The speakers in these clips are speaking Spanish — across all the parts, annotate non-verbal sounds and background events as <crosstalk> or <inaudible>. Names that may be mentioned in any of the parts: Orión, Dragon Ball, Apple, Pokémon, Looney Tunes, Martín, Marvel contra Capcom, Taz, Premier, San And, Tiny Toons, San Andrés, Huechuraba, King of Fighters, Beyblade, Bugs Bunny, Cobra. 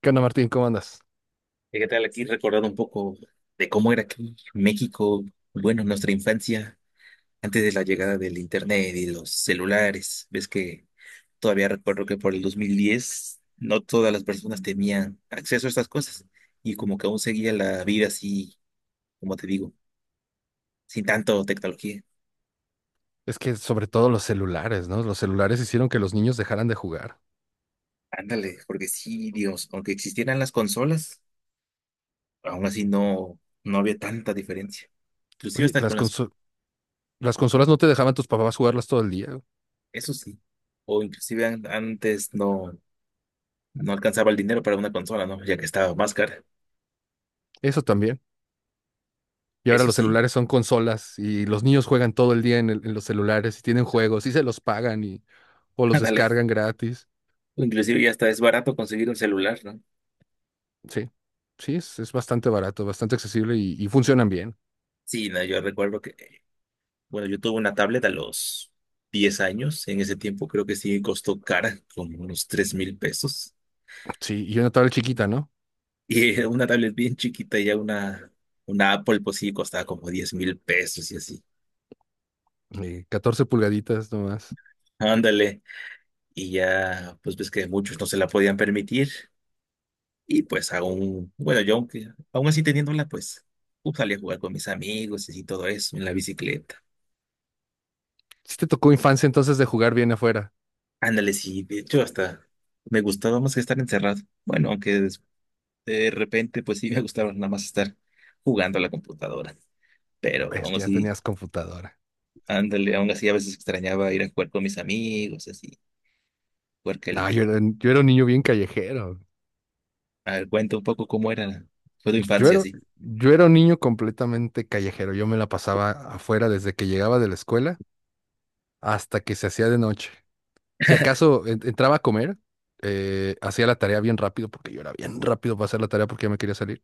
¿Qué onda, Martín? ¿Cómo andas? ¿Y qué tal aquí recordar un poco de cómo era aquí México, bueno, nuestra infancia, antes de la llegada del internet y de los celulares? Ves que todavía recuerdo que por el 2010 no todas las personas tenían acceso a estas cosas y como que aún seguía la vida así, como te digo, sin tanto tecnología. Es que sobre todo los celulares, ¿no? Los celulares hicieron que los niños dejaran de jugar. Ándale, porque sí, Dios, aunque existieran las consolas, aún así no había tanta diferencia. Inclusive Oye, hasta con las... las ¿sí? consolas no te dejaban tus papás jugarlas todo el día. Eso sí. O inclusive antes no alcanzaba el dinero para una consola, ¿no? Ya que estaba más cara. Eso también. Y ahora Eso los sí, celulares son consolas y los niños juegan todo el día en los celulares y tienen juegos y se los pagan y, o <laughs> los ándale. descargan gratis. Inclusive ya está es barato conseguir un celular, ¿no? Sí, sí, es bastante barato, bastante accesible y funcionan bien. Sí, no, yo recuerdo que, bueno, yo tuve una tablet a los 10 años. En ese tiempo creo que sí costó cara, como unos 3,000 pesos. <laughs> Sí, y una tablet chiquita, ¿no? Y era una tablet bien chiquita, y ya una Apple, pues sí, costaba como 10,000 pesos y así. 14 pulgaditas nomás. Ándale. Y ya, pues ves que muchos no se la podían permitir. Y pues aún, bueno, yo aunque, aún así teniéndola, pues salí a jugar con mis amigos y así todo eso en la bicicleta. Sí te tocó infancia entonces de jugar bien afuera. Ándale, sí, de hecho hasta me gustaba más que estar encerrado. Bueno, aunque de repente pues sí me gustaba nada más estar jugando a la computadora. Pero Es aún que ya así, tenías computadora. ándale, aún así a veces extrañaba ir a jugar con mis amigos, así, jugar que No, el, yo era un niño bien callejero. a ver, cuenta un poco cómo era, fue tu Yo infancia, era, así. yo era un niño completamente callejero. Yo me la pasaba afuera desde que llegaba de la escuela hasta que se hacía de noche. Si acaso entraba a comer, hacía la tarea bien rápido, porque yo era bien rápido para hacer la tarea porque ya me quería salir.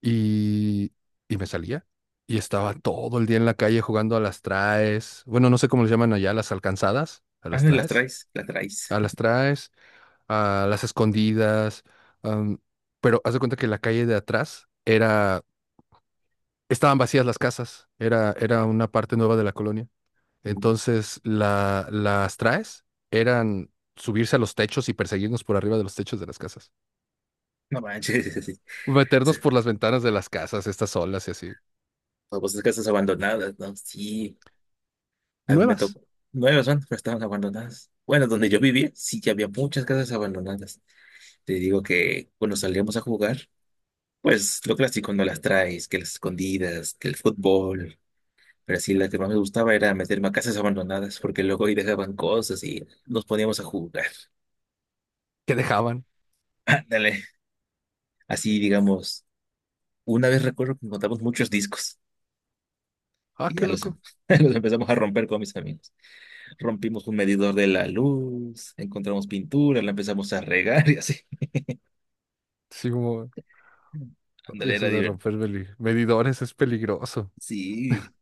Y, y me salía. Y estaba todo el día en la calle jugando a las traes. Bueno, no sé cómo les llaman allá, las alcanzadas. A Ah, las las traes. traes, las traes. A las traes, a las escondidas, am, pero haz de cuenta que la calle de atrás era, estaban vacías las casas, era una parte nueva de la colonia. <laughs> Entonces, las traes eran subirse a los techos y perseguirnos por arriba de los techos de las casas. No manches, <laughs> sí. Sí, Meternos por las ventanas de las casas, estas olas y así. famosas casas abandonadas, ¿no? Sí. A mí me Nuevas, tocó. Nueve personas pero estaban abandonadas. Bueno, donde yo vivía, sí que había muchas casas abandonadas. Te digo que cuando salíamos a jugar, pues lo clásico, no las traes, que las escondidas, que el fútbol. Pero sí, la que más me gustaba era meterme a casas abandonadas, porque luego ahí dejaban cosas y nos poníamos a jugar. que dejaban. <laughs> Ándale. Así, digamos, una vez recuerdo que encontramos muchos discos Ah, y qué ya loco. <laughs> los empezamos a romper con mis amigos. Rompimos un medidor de la luz, encontramos pintura, la empezamos a regar <laughs> y así. Sí, como, y Ándale, era eso de divertido. romper medidores es peligroso. Sí.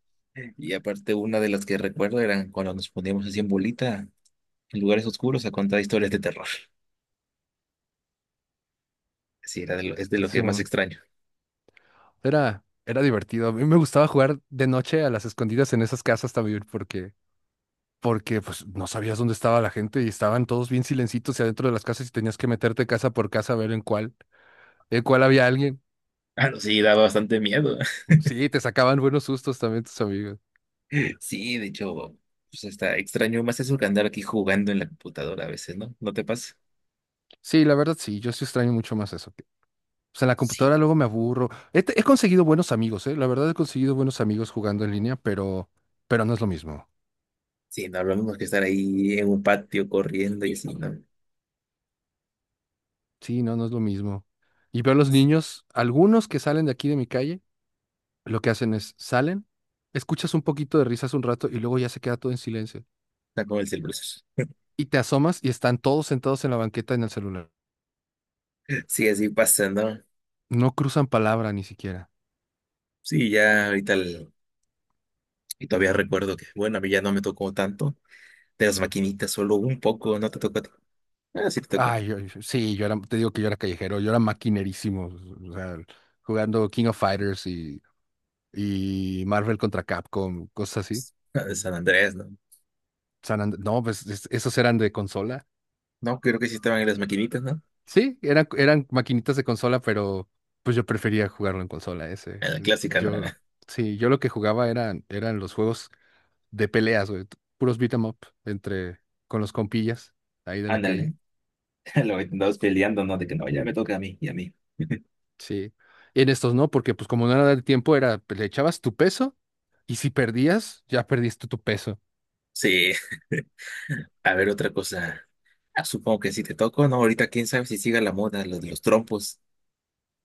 Y aparte, una de las que recuerdo eran cuando nos poníamos así en bolita en lugares oscuros a contar historias de terror. Sí, era es de lo Así, que más extraño. Era divertido. A mí me gustaba jugar de noche a las escondidas en esas casas también porque, porque pues no sabías dónde estaba la gente y estaban todos bien silencitos y adentro de las casas y tenías que meterte casa por casa a ver en cuál había alguien. Ah, no, sí, daba bastante miedo. <laughs> Sí, te sacaban buenos sustos también tus amigos. Sí, de hecho, pues está extraño más eso que andar aquí jugando en la computadora a veces, ¿no? ¿No te pasa? Sí, la verdad sí, yo sí extraño mucho más eso. O sea, en la Sí. computadora luego me aburro. He conseguido buenos amigos, ¿eh? La verdad he conseguido buenos amigos jugando en línea, pero no es lo mismo. Sí, no, lo mismo que estar ahí en un patio corriendo y así, ¿no? Sí, no, no es lo mismo. Y veo a los niños, algunos que salen de aquí de mi calle. Lo que hacen es, salen, escuchas un poquito de risas un rato y luego ya se queda todo en silencio. Está como el celular. Y te asomas y están todos sentados en la banqueta en el celular. Sí, así pasa, ¿no? No cruzan palabra ni siquiera. Sí, ya ahorita y todavía recuerdo que, bueno, a mí ya no me tocó tanto. De las maquinitas, solo un poco, no te tocó a ti. Ah, sí te tocó, ¿no? Ay, sí, yo era, te digo que yo era callejero, yo era maquinerísimo, o sea, jugando King of Fighters y Marvel contra Capcom, cosas así. Ah, de Pues, San Andrés, ¿no? No, pues esos eran de consola. No, creo que sí estaban en las maquinitas, ¿no? Sí, eran maquinitas de consola, pero pues yo prefería jugarlo en consola ese. En la clásica, ¿no? Yo, sí, yo lo que jugaba eran los juegos de peleas, güey. Puros beat 'em up entre, con los compillas ahí de la calle. Ándale, <laughs> lo andabas peleando, ¿no? De que no, ya me toca a mí y a mí. Sí. En estos no, porque pues como no era de tiempo, era, pues, le echabas tu peso y si perdías, ya perdiste tu peso. Sí, <laughs> a ver, otra cosa. Ah, supongo que sí te tocó, ¿no? Ahorita quién sabe si siga la moda, lo de los trompos.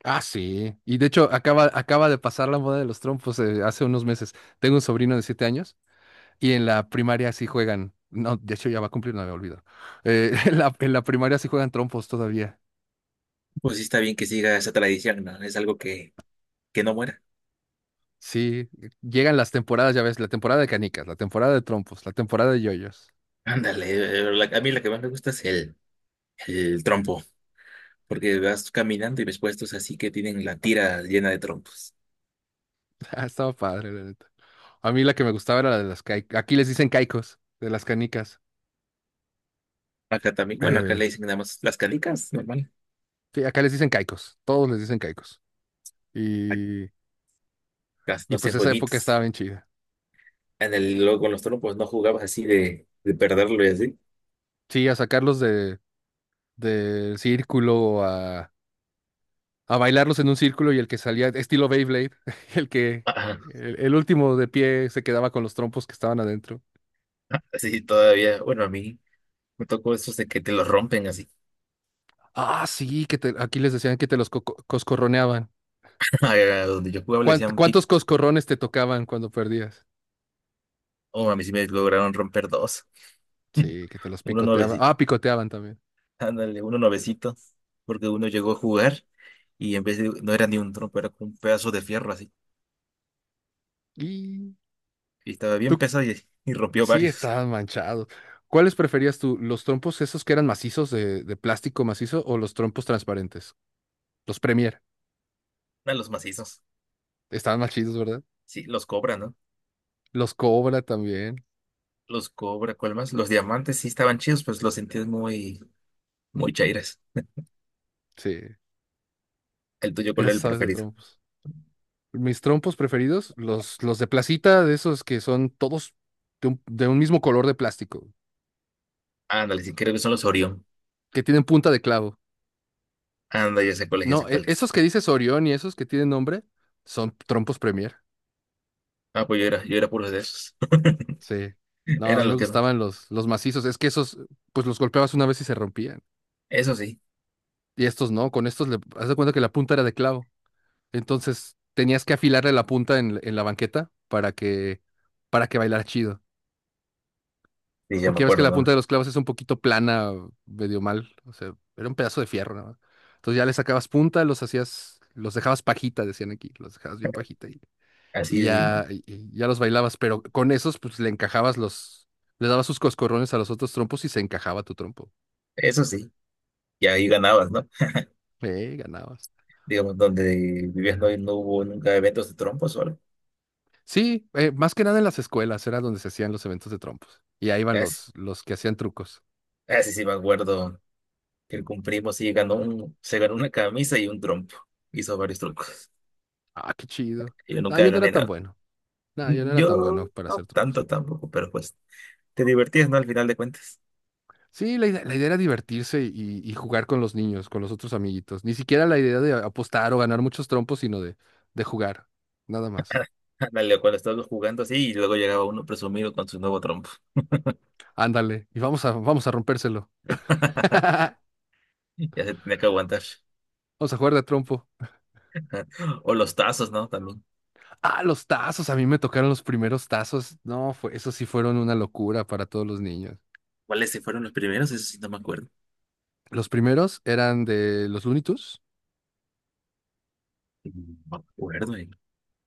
Ah, sí. Y de hecho, acaba de pasar la moda de los trompos hace unos meses. Tengo un sobrino de 7 años y en la primaria sí juegan. No, de hecho ya va a cumplir, no me olvido. <laughs> En en la primaria sí juegan trompos todavía. Pues sí está bien que siga esa tradición, ¿no? Es algo que no muera. Sí, llegan las temporadas, ya ves, la temporada de canicas, la temporada de trompos, la temporada de yoyos. Ándale, a mí la que más me gusta es el trompo, porque vas caminando y ves puestos así que tienen la tira llena de trompos. Ah, estaba padre, la neta. A mí la que me gustaba era la de las caicos. Aquí les dicen caicos, de las canicas. Acá también, bueno, acá Eh, le dicen nada más las canicas, normal. sí, acá les dicen caicos. Todos les dicen caicos. Y, Acá no y pues hacen esa época estaba jueguitos. bien chida. En el, luego con los trompos no jugabas así de perderlo y así. Sí, a del círculo, a bailarlos en un círculo y el que salía, estilo Beyblade, <laughs> el que, Ajá. El último de pie se quedaba con los trompos que estaban adentro. <laughs> Sí, todavía, bueno, a mí me tocó esos de que te los rompen así. Ah, sí, que te- aquí les decían que te los coscorroneaban. <laughs> A donde yo jugaba le decían pic. ¿Cuántos coscorrones te tocaban cuando perdías? Oh, a mí sí me lograron romper dos. <laughs> Sí, que te los Uno picoteaban. nuevecito, Ah, picoteaban también. ándale, uno nuevecito, porque uno llegó a jugar y en vez de, no era ni un trompo, era como un pedazo de fierro así. Y Y estaba bien tú pesado y rompió sí varios. estabas manchado. ¿Cuáles preferías tú? ¿Los trompos esos que eran macizos de plástico macizo o los trompos transparentes? Los Premier. <laughs> A los macizos. Estaban más chidos, ¿verdad? Sí, los cobran, no. Los Cobra también. Los cobra, ¿cuál más? Los diamantes sí estaban chidos, pues los sentías muy, muy chairas. Sí. El tuyo, ¿cuál Eras, era el sabes, de preferido? trompos. Mis trompos preferidos, los de placita, de esos que son todos de un mismo color de plástico, Ándale, si creo que son los Orión. que tienen punta de clavo. Anda, ya sé cuáles, ya No, sé cuáles. esos que dices Orión y esos que tienen nombre son trompos Premier. Ah, pues yo era puro de esos. Sí. <laughs> No, a mí Eran me los que más. gustaban los macizos. Es que esos, pues los golpeabas una vez y se rompían. Eso sí, Y estos no, con estos le, haz de cuenta que la punta era de clavo. Entonces tenías que afilarle la punta en la banqueta para que bailara chido. sí, ya me Porque ya ves que acuerdo, la punta ¿no? de los clavos es un poquito plana, medio mal. O sea, era un pedazo de fierro, nada más. Entonces ya le sacabas punta, los hacías, los dejabas pajita, decían aquí, los dejabas bien pajita. Así, Y ya los bailabas, pero con esos pues le encajabas los, le dabas sus coscorrones a los otros trompos y se encajaba tu trompo. eso sí. Y ahí ganabas, ¿no? Ganabas. Digamos, donde vivías no, no hubo nunca eventos de trompos o algo. Sí, más que nada en las escuelas era donde se hacían los eventos de trompos. Y ahí iban Así, los que hacían trucos. así sí me acuerdo que con primo sí ganó un, se ganó una camisa y un trompo. Hizo varios trucos. Ah, qué chido. Yo Ah, nunca yo no era gané tan nada. bueno. No, yo no era tan Yo bueno para hacer no trucos. tanto tampoco, pero pues te divertías, ¿no? Al final de cuentas. Sí, la idea era divertirse y jugar con los niños, con los otros amiguitos. Ni siquiera la idea de apostar o ganar muchos trompos, sino de jugar. Nada más. <laughs> Ándale, cuando estabas jugando así y luego llegaba uno presumido con su nuevo trompo. Ándale, y vamos a, vamos a rompérselo. <laughs> <laughs> Ya se tenía que aguantar. Vamos a jugar de trompo. O los tazos, ¿no? También. Ah, los tazos. A mí me tocaron los primeros tazos. No, fue, esos sí fueron una locura para todos los niños. ¿Cuáles sí fueron los primeros? Eso sí no me acuerdo. Los primeros eran de los Looney Tunes. No me acuerdo, eh.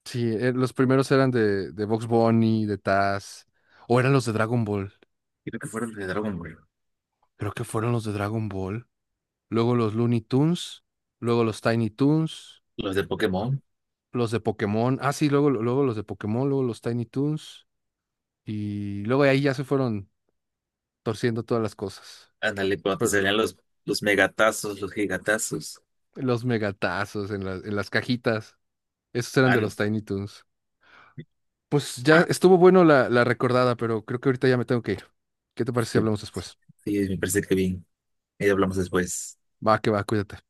Sí, los primeros eran de Bugs Bunny, de Taz. O eran los de Dragon Ball. Creo que fueron los de Dragon Ball. Creo que fueron los de Dragon Ball. Luego los Looney Tunes. Luego los Tiny Toons. Los de Pokémon. Los de Pokémon. Ah, sí, luego, luego los de Pokémon. Luego los Tiny Toons. Y luego de ahí ya se fueron torciendo todas las cosas. Ándale, cuando te Pero salían los megatazos, los gigatazos. los megatazos en en las cajitas. Esos eran de And, los Tiny Toons. Pues ya ah, estuvo bueno la recordada, pero creo que ahorita ya me tengo que ir. ¿Qué te parece si sí, hablamos después? sí, me parece que bien. Ahí hablamos después. Va, que va, cuídate.